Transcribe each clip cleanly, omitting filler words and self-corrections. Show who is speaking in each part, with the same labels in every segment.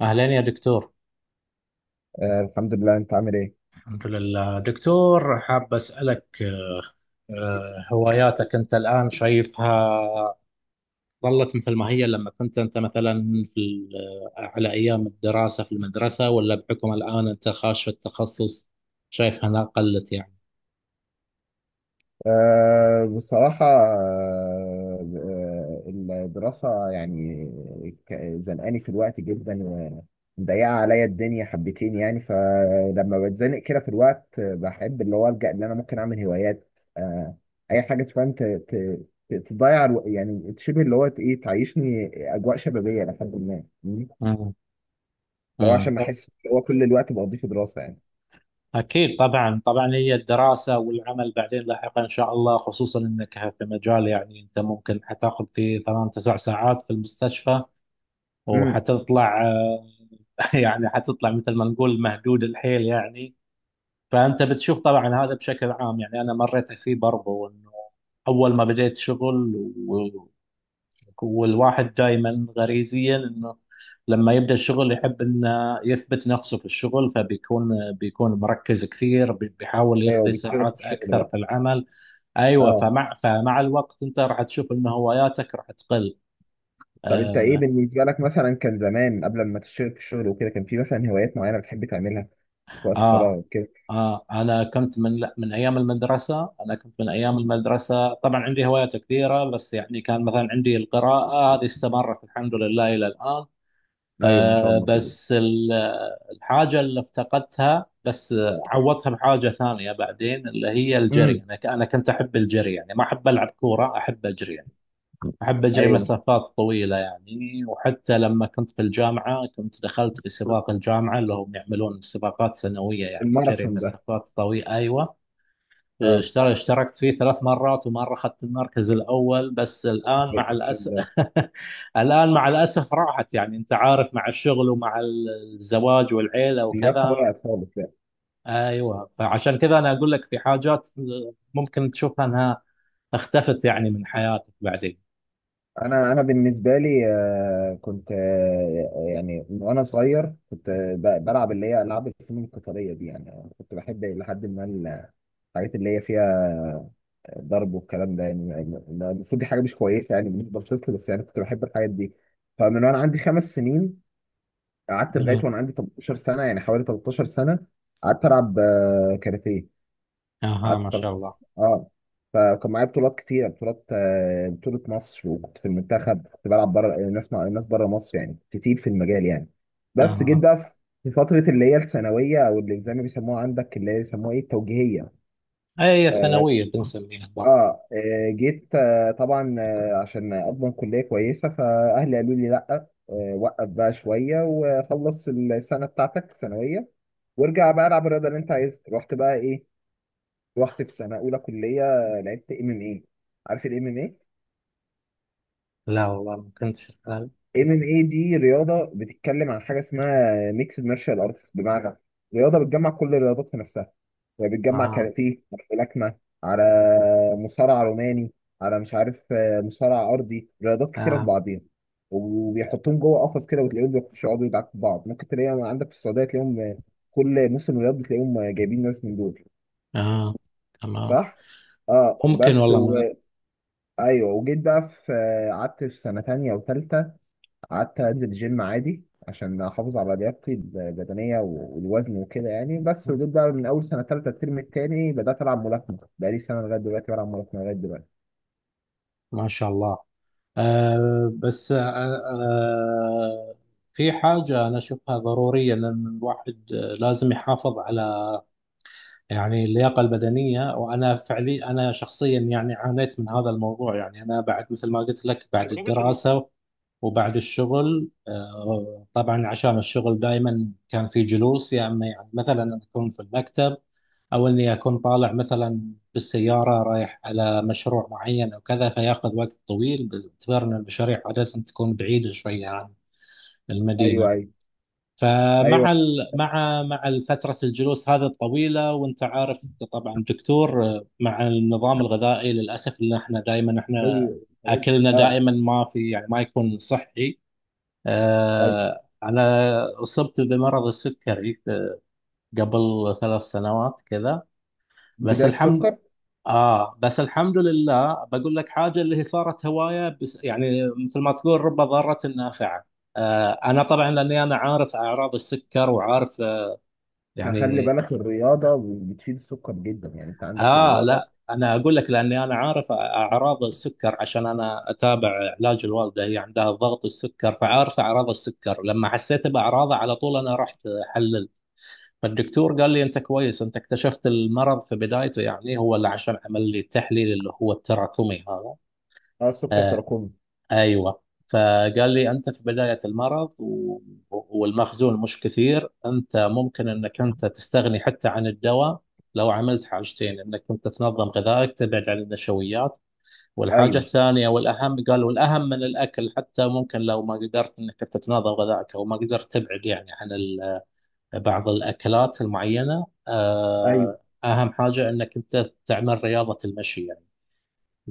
Speaker 1: أهلين يا دكتور.
Speaker 2: الحمد لله، انت عامل ايه؟
Speaker 1: الحمد لله دكتور، حاب أسألك. هواياتك أنت الآن شايفها ظلت مثل ما هي لما كنت أنت مثلا في على أيام الدراسة في المدرسة، ولا بحكم الآن أنت خاش في التخصص شايفها أنها قلت يعني؟
Speaker 2: بصراحة آه، الدراسة يعني، ك- زنقاني في الوقت جدا، ومضيقة عليا الدنيا حبتين. يعني فلما بتزنق كده في الوقت، بحب اللي هو ألجأ اللي أنا ممكن أعمل هوايات أي حاجة تفهم، تضيع يعني، شبه اللي هو إيه، تعيشني أجواء شبابية لحد ما
Speaker 1: مم.
Speaker 2: لو
Speaker 1: مم.
Speaker 2: عشان ما أحس اللي هو كل الوقت بقضيه في دراسة يعني.
Speaker 1: أكيد طبعا، هي الدراسة والعمل بعدين لاحقا إن شاء الله، خصوصا أنك في مجال يعني أنت ممكن حتاخذ فيه 8 9 ساعات في المستشفى
Speaker 2: مم.
Speaker 1: وحتطلع. يعني حتطلع مثل ما نقول مهدود الحيل يعني. فأنت بتشوف طبعا هذا بشكل عام، يعني أنا مريت فيه برضو، إنه أول ما بديت شغل و- والواحد دائما غريزيا إنه لما يبدأ الشغل يحب إنه يثبت نفسه في الشغل، فبيكون مركز كثير، بيحاول
Speaker 2: أيوه،
Speaker 1: يقضي
Speaker 2: بتشتغل في
Speaker 1: ساعات
Speaker 2: الشغل
Speaker 1: أكثر
Speaker 2: بقى.
Speaker 1: في العمل. أيوة،
Speaker 2: اه.
Speaker 1: فمع الوقت أنت راح تشوف إن هواياتك راح تقل.
Speaker 2: طب انت ايه
Speaker 1: آه,
Speaker 2: بالنسبه لك؟ مثلا كان زمان قبل ما تشتغل في الشغل وكده، كان في مثلا هوايات معينه بتحب تعملها في وقت
Speaker 1: آه،
Speaker 2: فراغك كده؟
Speaker 1: آه. أنا كنت من لا من أيام المدرسة، أنا كنت من أيام
Speaker 2: مم.
Speaker 1: المدرسة طبعا عندي هوايات كثيرة، بس يعني كان مثلا عندي القراءة، هذه استمرت الحمد لله إلى الآن.
Speaker 2: ايوه، ما شاء
Speaker 1: آه
Speaker 2: الله كده.
Speaker 1: بس ال- الحاجة اللي افتقدتها بس، عوضتها بحاجة ثانية بعدين اللي هي الجري.
Speaker 2: امم.
Speaker 1: أنا كنت أحب الجري، يعني ما أحب ألعب كورة، أحب أجري. أحب أجري
Speaker 2: ايوه، ما شاء
Speaker 1: مسافات طويلة يعني، وحتى لما كنت في الجامعة كنت دخلت في
Speaker 2: الله.
Speaker 1: سباق الجامعة، اللي هم يعملون سباقات سنوية يعني جري
Speaker 2: الماراثون ده.
Speaker 1: مسافات طويلة. أيوة،
Speaker 2: اه.
Speaker 1: اشتركت فيه 3 مرات ومرة أخذت المركز الأول، بس الآن
Speaker 2: أيوة،
Speaker 1: مع
Speaker 2: ما شاء
Speaker 1: الأسف.
Speaker 2: الله.
Speaker 1: الآن مع الأسف راحت، يعني أنت عارف، مع الشغل ومع الزواج والعيلة
Speaker 2: لياقه
Speaker 1: وكذا.
Speaker 2: وقعت خالص، لا.
Speaker 1: أيوة، فعشان كذا أنا أقول لك في حاجات ممكن تشوفها أنها اختفت يعني من حياتك بعدين.
Speaker 2: انا بالنسبه لي، كنت يعني وانا صغير كنت بلعب اللي هي العاب الفنون القتاليه دي، يعني كنت بحب لحد ما. الحاجات اللي هي فيها الضرب والكلام ده، يعني مع إن المفروض دي حاجه مش كويسه يعني بالنسبه للطفل، بس يعني كنت بحب الحاجات دي. فمن وانا عندي 5 سنين، قعدت لغايه
Speaker 1: مم.
Speaker 2: وانا عندي 18 سنة، يعني حوالي 13 سنة. قعدت العب كاراتيه.
Speaker 1: اها ما
Speaker 2: قعدت تلت...
Speaker 1: شاء الله.
Speaker 2: اه. فكان معايا بطولات كتيره، بطولات بطوله مصر، وكنت في المنتخب، كنت بلعب بره، ناس مع ناس بره مصر، يعني كنت تقيل في المجال يعني. بس جيت
Speaker 1: اها.
Speaker 2: بقى في فتره اللي هي الثانويه، او اللي زي ما بيسموها عندك اللي هي بيسموها ايه، التوجيهيه.
Speaker 1: اي،
Speaker 2: آه،
Speaker 1: ثانوية بنسميها
Speaker 2: اه
Speaker 1: برضه.
Speaker 2: جيت طبعا، عشان اضمن كليه كويسه، فاهلي قالوا لي لا، وقف بقى شويه وخلص السنه بتاعتك الثانويه، وارجع بقى العب الرياضه اللي انت عايزها. رحت بقى ايه؟ رحت في سنه اولى كليه، لعبت ام ام اي. عارف الام ام اي؟
Speaker 1: لا والله ما كنت شغال.
Speaker 2: ام ام اي دي رياضه بتتكلم عن حاجه اسمها ميكسد مارشال ارتس، بمعنى رياضه بتجمع كل الرياضات في نفسها. يعني بتجمع
Speaker 1: اها.
Speaker 2: كاراتيه على ملاكمه على مصارع روماني على مش عارف، مصارع ارضي، رياضات كتيره في
Speaker 1: اه.
Speaker 2: بعضيها. وبيحطوهم جوه قفص كده، وتلاقيهم بيخشوا يقعدوا يدعكوا في بعض. ممكن تلاقيهم عندك في السعوديه، تلاقيهم كل موسم رياض بتلاقيهم جايبين ناس من دول.
Speaker 1: اه. آه. تمام.
Speaker 2: صح؟ اه
Speaker 1: ممكن والله ما،
Speaker 2: ايوه، وجيت بقى في، قعدت في سنه تانية وتالتة. قعدت انزل جيم عادي عشان احافظ على لياقتي البدنيه والوزن وكده يعني. بس وجيت بقى من اول سنه ثالثه الترم الثاني بدات العب ملاكمه، بقالي سنه لغايه دلوقتي بلعب ملاكمه لغايه دلوقتي.
Speaker 1: ما شاء الله. آه بس آه آه في حاجة أنا أشوفها ضرورية، لأن الواحد لازم يحافظ على يعني اللياقة البدنية. وأنا فعليا، أنا شخصيا يعني عانيت من هذا الموضوع، يعني أنا بعد مثل ما قلت لك، بعد
Speaker 2: تجربة إنه
Speaker 1: الدراسة وبعد الشغل، طبعا عشان الشغل دائما كان في جلوس، يا اما يعني مثلا اكون في المكتب او اني اكون طالع مثلا بالسياره رايح على مشروع معين او كذا، فياخذ وقت طويل باعتبار ان المشاريع عاده تكون بعيده شويه عن
Speaker 2: ايوه،
Speaker 1: المدينه.
Speaker 2: ايوه،
Speaker 1: فمع ال... مع مع فتره الجلوس هذه الطويله، وانت عارف طبعا دكتور، مع النظام الغذائي للاسف ان احنا دائما
Speaker 2: ايوه. أيوة.
Speaker 1: اكلنا
Speaker 2: اه.
Speaker 1: دائما ما في يعني ما يكون صحي.
Speaker 2: ايوه،
Speaker 1: أنا أصبت بمرض السكري قبل 3 سنوات كذا. بس
Speaker 2: بدايه
Speaker 1: الحمد،
Speaker 2: السكر.
Speaker 1: آه بس الحمد لله بقول لك حاجة اللي هي صارت هواية، بس يعني مثل ما تقول رب ضارة نافعة. آه، أنا طبعا لأني أنا عارف أعراض السكر، وعارف
Speaker 2: خلي
Speaker 1: يعني
Speaker 2: بالك، الرياضه بتفيد السكر جدا يعني، انت عندك الرياضه.
Speaker 1: لا، أنا أقول لك لأني أنا عارف أعراض السكر، عشان أنا أتابع علاج الوالدة، هي عندها ضغط السكر، فعارف أعراض السكر. لما حسيت بأعراضه على طول أنا رحت حل. فالدكتور قال لي انت كويس، انت اكتشفت المرض في بدايته، يعني هو اللي عشان عمل لي التحليل اللي هو التراكمي هذا.
Speaker 2: اه، السكر
Speaker 1: آه،
Speaker 2: تراكمي.
Speaker 1: ايوه. فقال لي انت في بدايه المرض والمخزون مش كثير، انت ممكن انك انت تستغني حتى عن الدواء لو عملت حاجتين: انك انت تنظم غذائك، تبعد عن النشويات. والحاجه
Speaker 2: ايوه،
Speaker 1: الثانيه والاهم، قال والاهم من الاكل حتى، ممكن لو ما قدرت انك انت تنظم غذائك او ما قدرت تبعد يعني عن بعض الأكلات المعينة،
Speaker 2: ايوه،
Speaker 1: أهم حاجة أنك أنت تعمل رياضة المشي يعني.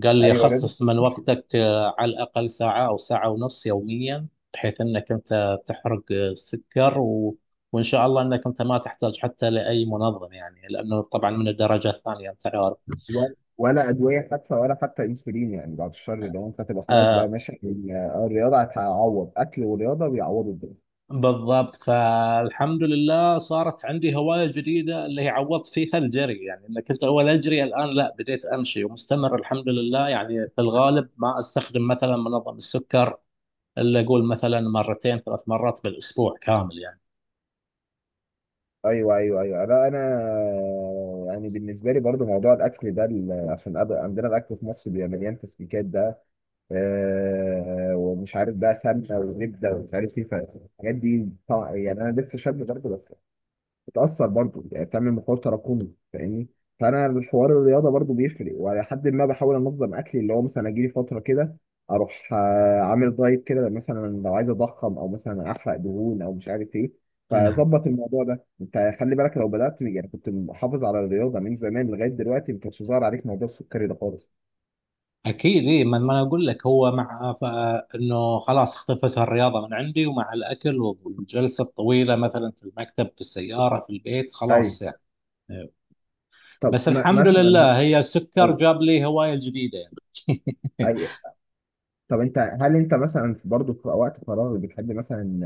Speaker 1: قال لي
Speaker 2: ايوه.
Speaker 1: خصص من وقتك على الأقل ساعة أو ساعة ونص يوميا، بحيث أنك أنت تحرق سكر. وإن شاء الله أنك أنت ما تحتاج حتى لأي منظم يعني، لأنه طبعا من الدرجة الثانية أنت عارف.
Speaker 2: ولا ادويه حتى، ولا حتى انسولين يعني، بعد الشر. لو انت تبقى خلاص بقى
Speaker 1: آه،
Speaker 2: ماشي، الرياضه هتعوض. اكل ورياضه بيعوضوا الدنيا.
Speaker 1: بالضبط. فالحمد لله صارت عندي هواية جديدة اللي هي عوضت فيها الجري، يعني أنا كنت أول أجري، الآن لا بديت أمشي ومستمر الحمد لله. يعني في الغالب ما أستخدم مثلا منظم السكر إلا أقول مثلا مرتين 3 مرات بالأسبوع كامل يعني.
Speaker 2: ايوه، ايوه، ايوه. لا انا، يعني بالنسبه لي برضو موضوع الاكل ده، عشان عندنا الاكل في مصر بيبقى مليان تسبيكات ده، ومش عارف بقى سمنه وزبده ومش عارف ايه، فالحاجات دي طبعا يعني انا لسه شاب برضو، بتأثر برضه يعني، بتعمل مقاومة تراكمي، فاهمني. فأنا الحوار الرياضة برضه بيفرق، وعلى حد ما بحاول أنظم أكلي. اللي هو مثلا أجيلي فترة كده أروح، عامل دايت كده مثلا، لو عايز أضخم أو مثلا أحرق دهون أو مش عارف إيه،
Speaker 1: نعم،
Speaker 2: فظبط الموضوع ده. أنت خلي بالك، لو بدأت يعني كنت محافظ على الرياضة من زمان لغاية دلوقتي، ما كانش ظاهر عليك موضوع السكري ده خالص.
Speaker 1: أكيد إيه. ما ما أنا أقول لك هو مع إنه خلاص اختفت الرياضة من عندي، ومع الأكل والجلسة الطويلة مثلا في المكتب، في السيارة، في البيت،
Speaker 2: أيوه.
Speaker 1: خلاص يعني.
Speaker 2: طب
Speaker 1: بس
Speaker 2: ما
Speaker 1: الحمد
Speaker 2: مثلا ه-
Speaker 1: لله هي السكر
Speaker 2: أو،
Speaker 1: جاب لي هواية جديدة يعني.
Speaker 2: أي. طب أنت، هل أنت مثلا برضه في وقت فراغ بتحب مثلا،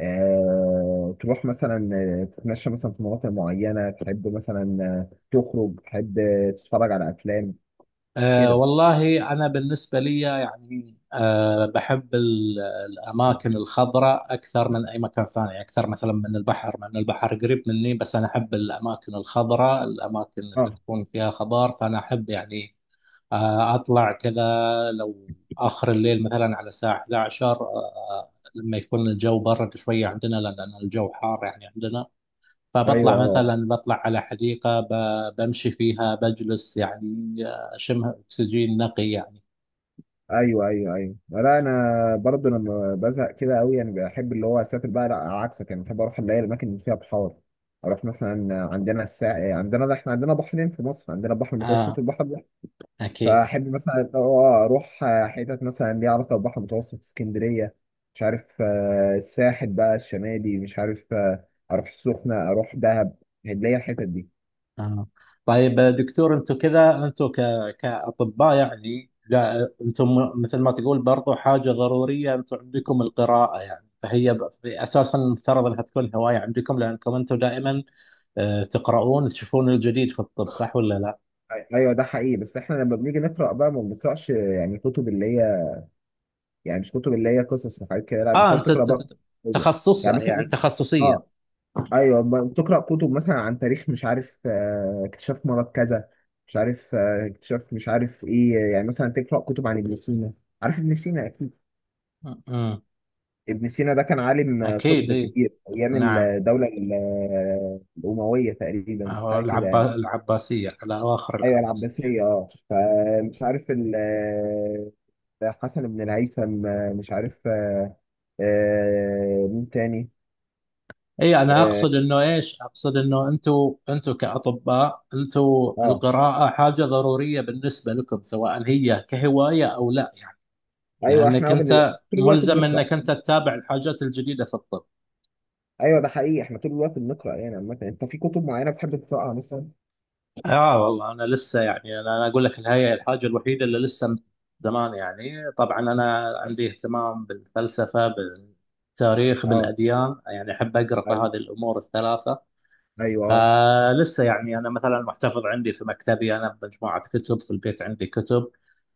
Speaker 2: تروح مثلا، تتمشى مثلا في مناطق معينة، تحب مثلا، تخرج، تحب، تتفرج على أفلام
Speaker 1: آه
Speaker 2: كده؟
Speaker 1: والله، أنا بالنسبة لي يعني، آه، بحب الأماكن الخضراء أكثر من أي مكان ثاني، أكثر مثلا من البحر، مع أن البحر قريب مني، بس أنا أحب الأماكن الخضراء، الأماكن اللي
Speaker 2: اه.
Speaker 1: تكون فيها خضار. فأنا أحب يعني آه أطلع كذا لو آخر الليل مثلا على الساعة 11، لما يكون الجو برد شوية عندنا، لأن الجو حار يعني عندنا.
Speaker 2: ايوه.
Speaker 1: فبطلع
Speaker 2: اه.
Speaker 1: مثلا، بطلع على حديقة، بمشي فيها، بجلس يعني، أشم أكسجين نقي يعني.
Speaker 2: ايوه، ايوه، ايوه. لا انا، برضو لما بزهق كده قوي يعني، بحب اللي هو اسافر بقى. لا عكسك يعني، بحب اروح اللي هي الاماكن اللي فيها بحار. اروح مثلا عندنا الساحل، عندنا، لا احنا عندنا بحرين في مصر، عندنا بحر متوسط
Speaker 1: آه،
Speaker 2: والبحر.
Speaker 1: أكيد.
Speaker 2: فأحب مثلا إن هو أروح، حتت مثلا ليها علاقة بالبحر المتوسط، اسكندرية، مش عارف، الساحل بقى الشمالي، مش عارف، أروح السخنة، أروح دهب. هتلاقي الحتت دي.
Speaker 1: آه. طيب دكتور، أنتم كذا أنتم ك... كأطباء يعني، لا أنتم مثل ما تقول برضو حاجة ضرورية، أنتم عندكم القراءة يعني، فهي أساسا المفترض أنها تكون هواية عندكم، لأنكم أنتم دائما تقرؤون، تشوفون الجديد في الطب، صح ولا لا؟
Speaker 2: أيوه ده حقيقي، بس إحنا لما بنيجي نقرأ بقى ما بنقرأش، يعني كتب اللي هي، يعني مش كتب اللي هي قصص وحاجات كده، لا
Speaker 1: آه،
Speaker 2: بتقعد تقرأ بقى كتب.
Speaker 1: تخصص
Speaker 2: يعني
Speaker 1: يعني،
Speaker 2: مثلا،
Speaker 1: تخصصية.
Speaker 2: آه ايوه، بتقرا كتب مثلا عن تاريخ، مش عارف، اكتشاف مرض كذا، مش عارف، اكتشاف مش عارف ايه. يعني مثلا تقرا كتب عن ابن سينا. عارف ابن سينا اكيد؟
Speaker 1: م.
Speaker 2: ابن سينا ده كان عالم
Speaker 1: أكيد
Speaker 2: طب
Speaker 1: إيه.
Speaker 2: كبير ايام
Speaker 1: نعم.
Speaker 2: الدوله، الامويه تقريبا، حاجه كده يعني.
Speaker 1: العباسية، على أواخر
Speaker 2: ايوه،
Speaker 1: العباسية.
Speaker 2: العباسيه، اه. فمش عارف حسن بن الهيثم، مش عارف، مين تاني.
Speaker 1: أي أنا
Speaker 2: اه
Speaker 1: أقصد إنه، أنتوا، كأطباء أنتوا،
Speaker 2: آه.
Speaker 1: القراءة حاجة ضرورية بالنسبة لكم، سواء هي كهواية أو لا يعني،
Speaker 2: ايوه،
Speaker 1: لأنك
Speaker 2: احنا
Speaker 1: أنت
Speaker 2: طول الوقت
Speaker 1: ملزم
Speaker 2: بنقرا.
Speaker 1: إنك أنت تتابع الحاجات الجديدة في الطب.
Speaker 2: ايوه ده حقيقي، احنا طول الوقت بنقرا يعني. عامه انت في كتب معينه بتحب تقراها مثلا؟
Speaker 1: آه والله، أنا لسه يعني، أنا أقول لك إن هي الحاجة الوحيدة اللي لسه من زمان، يعني طبعا أنا عندي اهتمام بالفلسفة، بالتاريخ،
Speaker 2: اه،
Speaker 1: بالأديان، يعني أحب أقرأ في
Speaker 2: ايوه،
Speaker 1: هذه الأمور الثلاثة.
Speaker 2: ايوه
Speaker 1: فلسه يعني انا مثلا محتفظ عندي في مكتبي، انا بمجموعه كتب في البيت، عندي كتب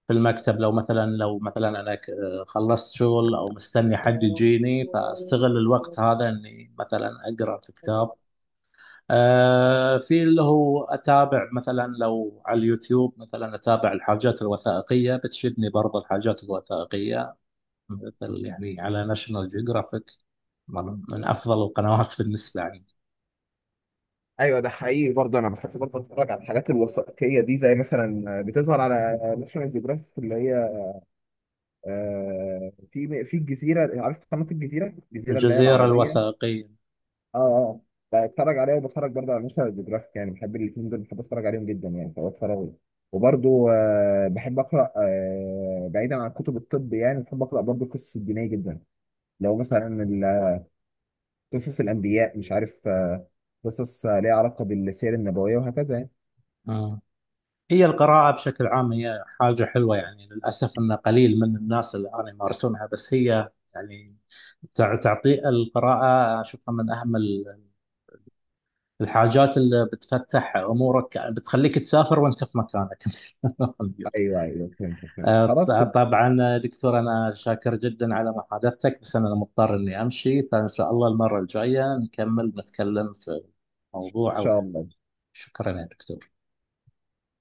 Speaker 1: في المكتب، لو مثلا، خلصت شغل او مستني حد يجيني، فاستغل الوقت هذا اني مثلا اقرا في كتاب. في اللي هو اتابع مثلا لو على اليوتيوب، مثلا اتابع الحاجات الوثائقيه، بتشدني برضه الحاجات الوثائقيه، مثل يعني على ناشونال جيوغرافيك، من افضل القنوات بالنسبه لي.
Speaker 2: ايوه ده حقيقي برضه، انا بحب برضه اتفرج على الحاجات الوثائقيه دي، زي مثلا بتظهر على ناشونال جيوغرافيك اللي هي، في الجزيره، عارف قناه الجزيره، الجزيره اللي هي
Speaker 1: الجزيره
Speaker 2: العربيه.
Speaker 1: الوثائقيه.
Speaker 2: اه، اه، بتفرج عليها، وبتفرج برضه على ناشونال جيوغرافيك، يعني بحب الاثنين دول، بحب اتفرج عليهم جدا يعني، فبتفرج. وبرضه بحب اقرا، بعيدا عن كتب الطب يعني، بحب اقرا برضه قصص الدينيه جدا. لو مثلا قصص الأنبياء، مش عارف، قصص ليها علاقة بالسير النبوية وهكذا يعني.
Speaker 1: هي القراءة بشكل عام هي حاجة حلوة يعني، للأسف أن قليل من الناس الآن يمارسونها، بس هي يعني تعطي، القراءة أشوفها من أهم الحاجات اللي بتفتح أمورك، بتخليك تسافر وأنت في مكانك.
Speaker 2: أيوه، أيوه، فهمت، فهمت،
Speaker 1: آه،
Speaker 2: خلاص.
Speaker 1: طبعا دكتور، أنا شاكر جدا على محادثتك، بس أنا مضطر إني أمشي، فإن شاء الله المرة الجاية نكمل نتكلم في
Speaker 2: إن
Speaker 1: موضوع أو
Speaker 2: شاء
Speaker 1: في.
Speaker 2: الله.
Speaker 1: شكرا يا دكتور.